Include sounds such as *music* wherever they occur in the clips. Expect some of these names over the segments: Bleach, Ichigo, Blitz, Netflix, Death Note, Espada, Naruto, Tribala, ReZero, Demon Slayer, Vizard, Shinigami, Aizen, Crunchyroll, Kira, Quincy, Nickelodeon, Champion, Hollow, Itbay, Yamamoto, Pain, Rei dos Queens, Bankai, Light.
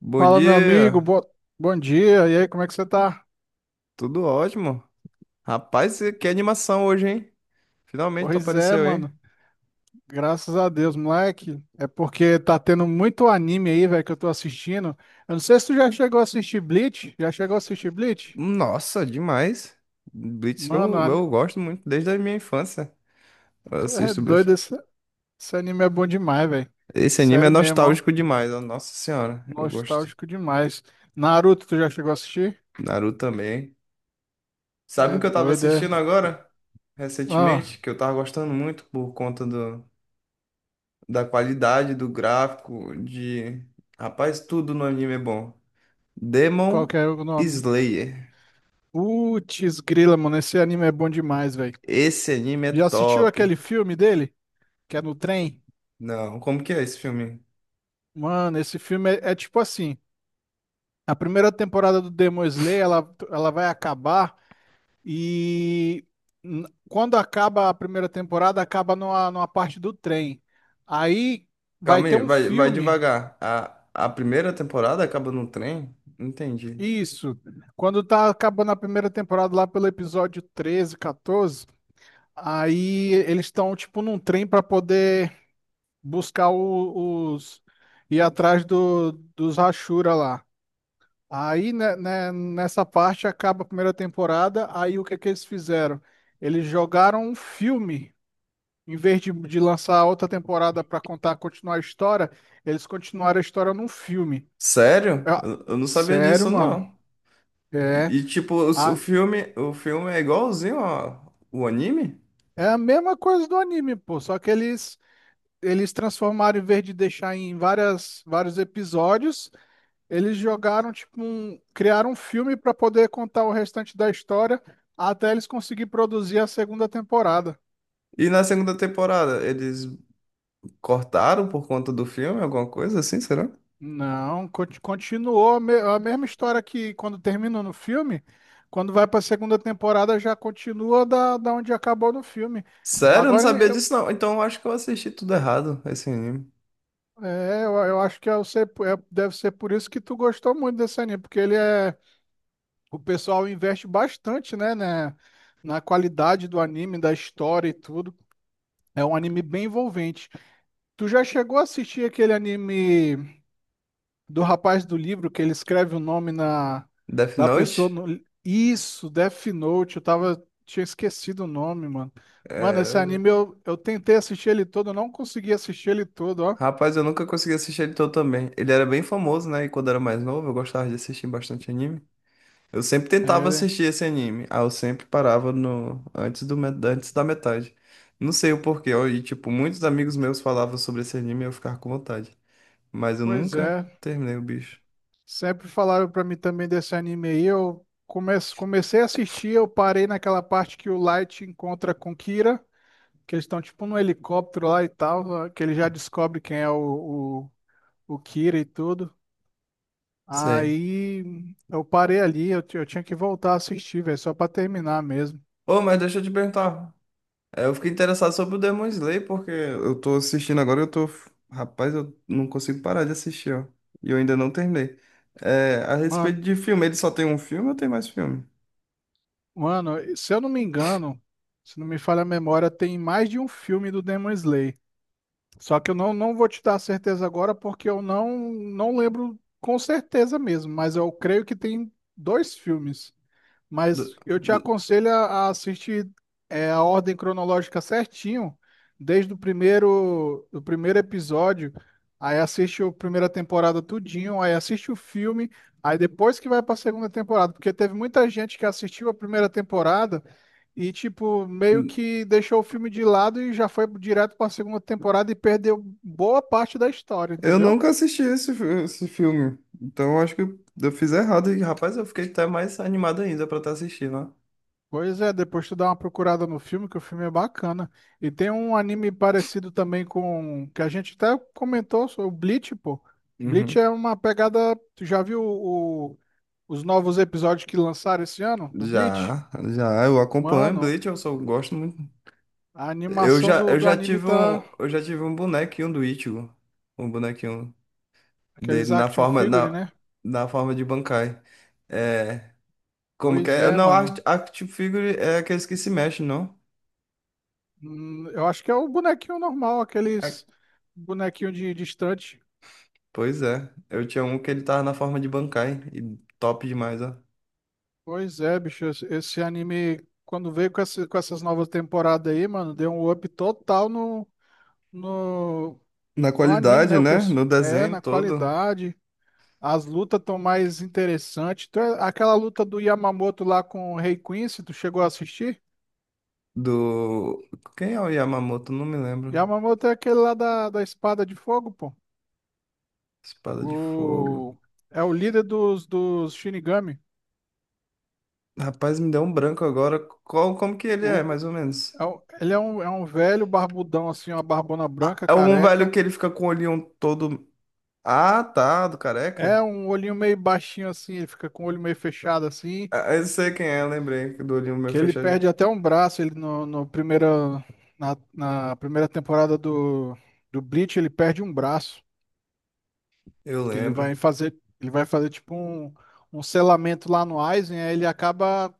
Bom Fala, meu amigo, dia, bom dia. E aí, como é que você tá? tudo ótimo. Rapaz, que animação hoje, hein? Finalmente tu Pois é, apareceu aí. mano. Graças a Deus, moleque. É porque tá tendo muito anime aí, velho, que eu tô assistindo. Eu não sei se tu já chegou a assistir Bleach. Já chegou a assistir Bleach? Nossa, demais. Blitz Mano, eu, an- eu gosto muito desde a minha infância. Eu Tu é assisto Blitz. doido. Esse anime é bom demais, velho. Esse anime é Sério mesmo, ó. nostálgico demais, ó. Nossa senhora, eu gosto. Nostálgico demais. Naruto, tu já chegou a assistir? Naruto também. Sabe o É que eu tava doido, assistindo é. agora? Ah, Recentemente, que eu tava gostando muito por conta da qualidade do gráfico, de... Rapaz, tudo no anime é bom. qual Demon que é o nome? Slayer. Putz, grila, mano. Esse anime é bom demais, velho. Esse anime é Já assistiu top. aquele filme dele? Que é no trem. Não, como que é esse filme? Mano, esse filme é tipo assim. A primeira temporada do Demon Slayer, ela vai acabar e quando acaba a primeira temporada, acaba numa parte do trem. Aí vai Calma ter aí, um vai filme, devagar. A primeira temporada acaba no trem? Entendi. isso. Quando tá acabando a primeira temporada lá pelo episódio 13, 14, aí eles estão tipo num trem para poder buscar os, ir atrás dos Hashira lá. Aí, nessa parte acaba a primeira temporada, aí o que que eles fizeram? Eles jogaram um filme, em vez de lançar outra temporada para contar, continuar a história, eles continuaram a história num filme. Sério? Ah, Eu não sabia sério, disso, mano. não. É Tipo, a, o filme é igualzinho ao, o anime? é a mesma coisa do anime, pô, só que eles transformaram, em vez de deixar em várias vários episódios. Eles jogaram, tipo, um, criaram um filme para poder contar o restante da história até eles conseguirem produzir a segunda temporada. E na segunda temporada, eles cortaram por conta do filme, alguma coisa assim, será? Não, continuou a mesma história, que quando termina no filme, quando vai para a segunda temporada já continua da onde acabou no filme. Sério? Eu não Agora sabia eu, disso, não. Então eu acho que eu assisti tudo errado, esse anime. é, eu acho que eu sei deve ser por isso que tu gostou muito desse anime, porque ele é, o pessoal investe bastante, na qualidade do anime, da história e tudo. É um anime bem envolvente. Tu já chegou a assistir aquele anime do rapaz do livro, que ele escreve o nome na, Death da pessoa Note? no... Isso, Death Note, eu tava, tinha esquecido o nome, mano. Mano, esse É. anime eu tentei assistir ele todo, eu não consegui assistir ele todo, ó. Rapaz, eu nunca consegui assistir ele todo também. Ele era bem famoso, né? E quando era mais novo, eu gostava de assistir bastante anime. Eu sempre tentava É, assistir esse anime. Ah, eu sempre parava no antes do met- antes da metade. Não sei o porquê. Ó, e tipo, muitos amigos meus falavam sobre esse anime e eu ficava com vontade. Mas eu pois nunca é. terminei o bicho. Sempre falaram pra mim também desse anime aí, eu comecei a assistir, eu parei naquela parte que o Light encontra com Kira, que eles estão tipo num helicóptero lá e tal, que ele já descobre quem é o Kira e tudo. Sei. Aí eu parei ali, eu tinha que voltar a assistir, velho, só pra terminar mesmo. Ô, mas deixa eu te perguntar. É, eu fiquei interessado sobre o Demon Slayer, porque eu tô assistindo agora e eu tô. Rapaz, eu não consigo parar de assistir, ó. E eu ainda não terminei. É, a Mano, respeito de filme, ele só tem um filme ou tem mais filme? mano, se eu não me engano, se não me falha a memória, tem mais de um filme do Demon Slayer. Só que eu não vou te dar certeza agora porque eu não lembro com certeza mesmo, mas eu creio que tem dois filmes. Do- Mas eu te do- aconselho a assistir é, a ordem cronológica certinho, desde o primeiro, do primeiro episódio, aí assiste a primeira temporada tudinho, aí assiste o filme, aí depois que vai para a segunda temporada, porque teve muita gente que assistiu a primeira temporada e, tipo, meio que deixou o filme de lado e já foi direto para a segunda temporada e perdeu boa parte da história, Eu entendeu? nunca assisti esse, fi- esse filme. Então eu acho que eu fiz errado. E, rapaz, eu fiquei até mais animado ainda pra estar assistindo, ó. Pois é, depois tu dá uma procurada no filme, que o filme é bacana. E tem um anime parecido também com, que a gente até comentou, sobre o Bleach, pô. Bleach Uhum. é uma pegada. Tu já viu os novos episódios que lançaram esse ano do Bleach? Já, já, eu acompanho Mano, Bleach, eu só gosto muito. a Eu animação já, eu do já anime tive tá. um, eu já tive um bonequinho do Ichigo. Um bonequinho. Aqueles Dele na action forma figure, na, né? na forma de Bankai. É, como que Pois é? é, Não, mano. Act- Action Figure é aqueles que se mexem, não? Eu acho que é o bonequinho normal, É, aqueles bonequinho de estante. pois é. Eu tinha um que ele tava na forma de Bankai e top demais, ó. Pois é, bicho, esse anime, quando veio com, com essas novas temporadas aí, mano, deu um up total no, Na no anime, né? qualidade, O né? pessoal, No é, desenho na todo qualidade, as lutas estão mais interessantes. Então, é aquela luta do Yamamoto lá com o Rei Quincy, tu chegou a assistir? do quem é o Yamamoto? Não me lembro. Yamamoto é aquele lá da Espada de Fogo, pô. Espada de fogo. O, é o líder dos Shinigami. Rapaz, me deu um branco agora. Qual, como que ele é, O, mais ou menos? é ele é um velho barbudão, assim, uma barbona Ah, branca, é um velho careca. que ele fica com o olhinho todo. Ah, tá, do É careca. um olhinho meio baixinho assim, ele fica com o olho meio fechado assim, Ah, eu sei quem é, lembrei, do olhinho meu que ele fechado. perde até um braço, ele no, no primeira, na, na primeira temporada do Bleach, ele perde um braço, Eu que lembro. Ele vai fazer tipo um, um selamento lá no Aizen, aí ele acaba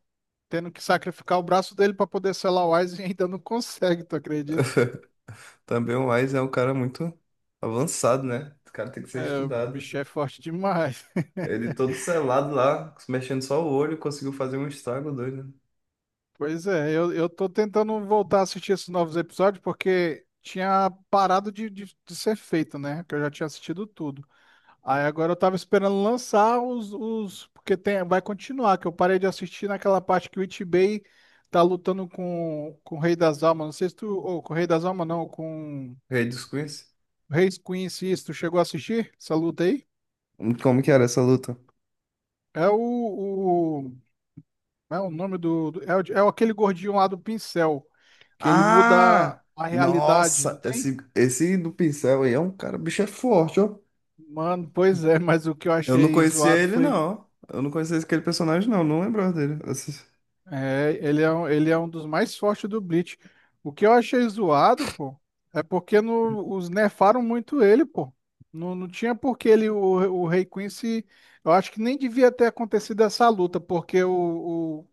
tendo que sacrificar o braço dele pra poder selar o Aizen e ainda não *laughs* consegue, tu acredita? *laughs* Também o Wise é um cara muito avançado, né? O cara tem que ser O estudado. bicho é forte demais. Ele todo selado lá, mexendo só o olho, conseguiu fazer um estrago doido, né? Pois é, eu tô tentando voltar a assistir esses novos episódios porque tinha parado de ser feito, né? Que eu já tinha assistido tudo. Aí agora eu tava esperando lançar os, porque tem, vai continuar, que eu parei de assistir naquela parte que o Itbay tá lutando com o Rei das Almas. Não sei se tu, ou com o Rei das Almas não, com Rei dos Queens. o Rei Queen, se isso, tu chegou a assistir essa luta aí? Como que era essa luta? É o, como é o nome é, é aquele gordinho lá do pincel, que ele muda Ah! a realidade, não Nossa! tem? Esse do pincel aí é um cara, bicho é forte, ó. Mano, pois é, *laughs* mas o que eu Eu não achei conhecia zoado ele, foi. não. Eu não conhecia aquele personagem, não. Não lembrava dele. Esse- Ele é, ele é um dos mais fortes do Bleach. O que eu achei zoado, pô, é porque no, os nerfaram muito ele, pô. Não tinha por que ele, o Rei Quincy. Eu acho que nem devia ter acontecido essa luta, porque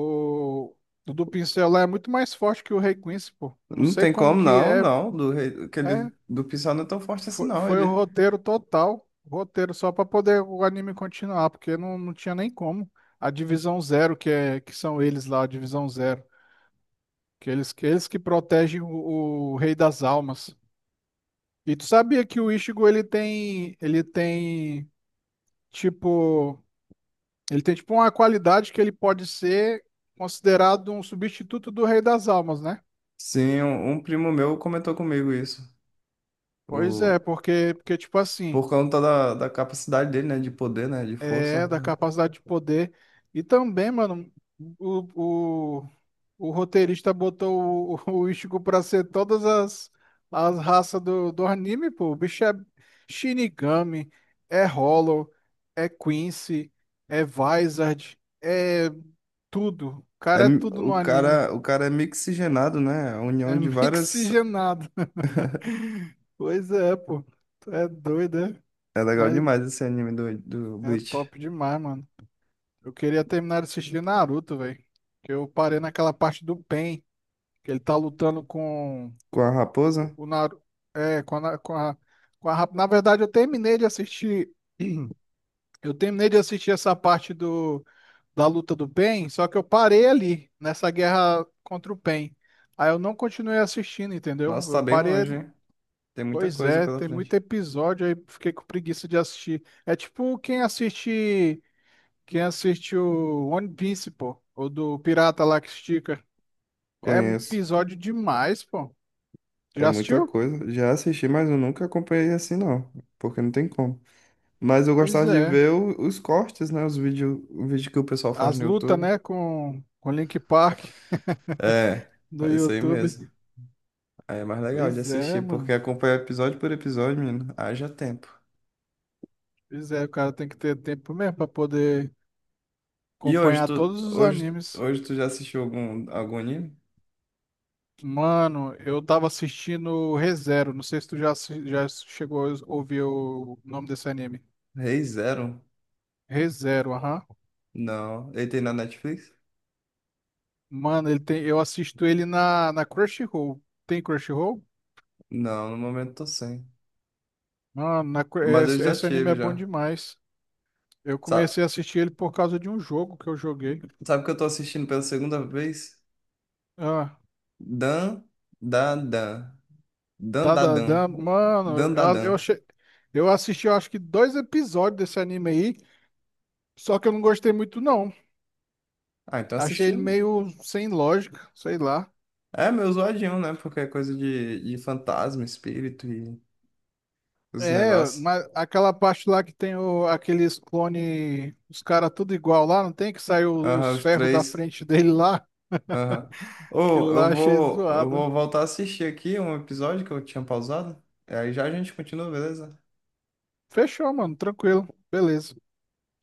o, o do pincel lá é muito mais forte que o Rei Quincy, pô. Não Não sei tem como como, que não, é. não. Do rei, É, aquele do pincel não é tão forte assim, não. foi o Ele roteiro total, roteiro só para poder o anime continuar, porque não tinha nem como. A Divisão Zero, que é que são eles lá, a Divisão Zero, que eles que, eles que protegem o Rei das Almas. E tu sabia que o Ichigo tipo ele tem tipo uma qualidade que ele pode ser considerado um substituto do Rei das Almas, né? sim, um primo meu comentou comigo isso. Pois é, O, porque porque tipo assim, por conta da, da capacidade dele, né? De poder, né? De é força. da capacidade de poder e também, mano, o, o- o roteirista botou o Ichigo pra ser todas as raças do anime, pô. O bicho é Shinigami, é Hollow, é Quincy, é Vizard, é tudo. O É, cara é mi- tudo no anime. O cara é mixigenado, né? A É união *laughs* de várias. mixigenado. Pois é, pô. Tu é doido, é? É legal Mas demais esse anime do, do é Bleach. top demais, mano. Eu queria terminar de assistir Naruto, velho. Que eu parei naquela parte do Pain, que ele tá lutando com. Com a raposa. Co- O Naru... É, com a, Na- com a... rap- na verdade, eu terminei de assistir. *clears throat* Eu terminei de assistir essa parte da luta do Pain, só que eu parei ali, nessa guerra contra o Pain. Aí eu não continuei assistindo, entendeu? Nossa, Eu tá bem parei. longe, hein? Tem muita Pois coisa é, pela tem muito frente. episódio, aí fiquei com preguiça de assistir. É tipo quem assiste. Quem assiste o One Piece, pô. Ou do Pirata lá que estica. É Conheço. episódio demais, pô. É Já muita assistiu? coisa. Já assisti, mas eu nunca acompanhei assim, não. Porque não tem como. Mas eu Pois gostava de é. ver o- os cortes, né? Os vídeos, o vídeo que o pessoal faz As no lutas, YouTube. né, com Link Park É, no é isso aí mesmo. YouTube. Aí é mais legal de Pois é, assistir, porque mano. acompanha episódio por episódio, menino. Haja tempo. Pois é, o cara tem que ter tempo mesmo pra poder E hoje, acompanhar tu, todos os hoje, animes. hoje tu já assistiu algum, algum anime? Mano, eu tava assistindo o ReZero. Não sei se tu já, já chegou a ouvir o nome desse anime. Rei Zero? ReZero, aham. Não. Ele tem na Netflix? Mano, ele tem, eu assisto ele na Crunchyroll. Tem Crunchyroll? Não, no momento tô sem. Mas eu Esse, já esse anime tive, é bom já. demais. Eu Sabe, comecei a assistir ele por causa de um jogo que eu joguei. sabe o que eu tô assistindo pela segunda vez? Ah, Dan, da, Dan. Dan, da, tadadã, Dan. mano, Dan, da, eu Dan. achei. Eu assisti, eu acho que dois episódios desse anime aí, só que eu não gostei muito, não. Ah, então Achei assisti. ele meio sem lógica, sei lá. É meu zoadinho, né? Porque é coisa de fantasma, espírito e os É, negócios. mas aquela parte lá que tem o, aqueles clone, os caras tudo igual lá, não tem que sair Aham, os os ferros da três. frente *laughs* dele lá? Aham. Que Ô, eu lá achei vou, eu zoado. vou voltar a assistir aqui um episódio que eu tinha pausado. Aí já a gente continua, beleza? Fechou, mano, tranquilo, beleza.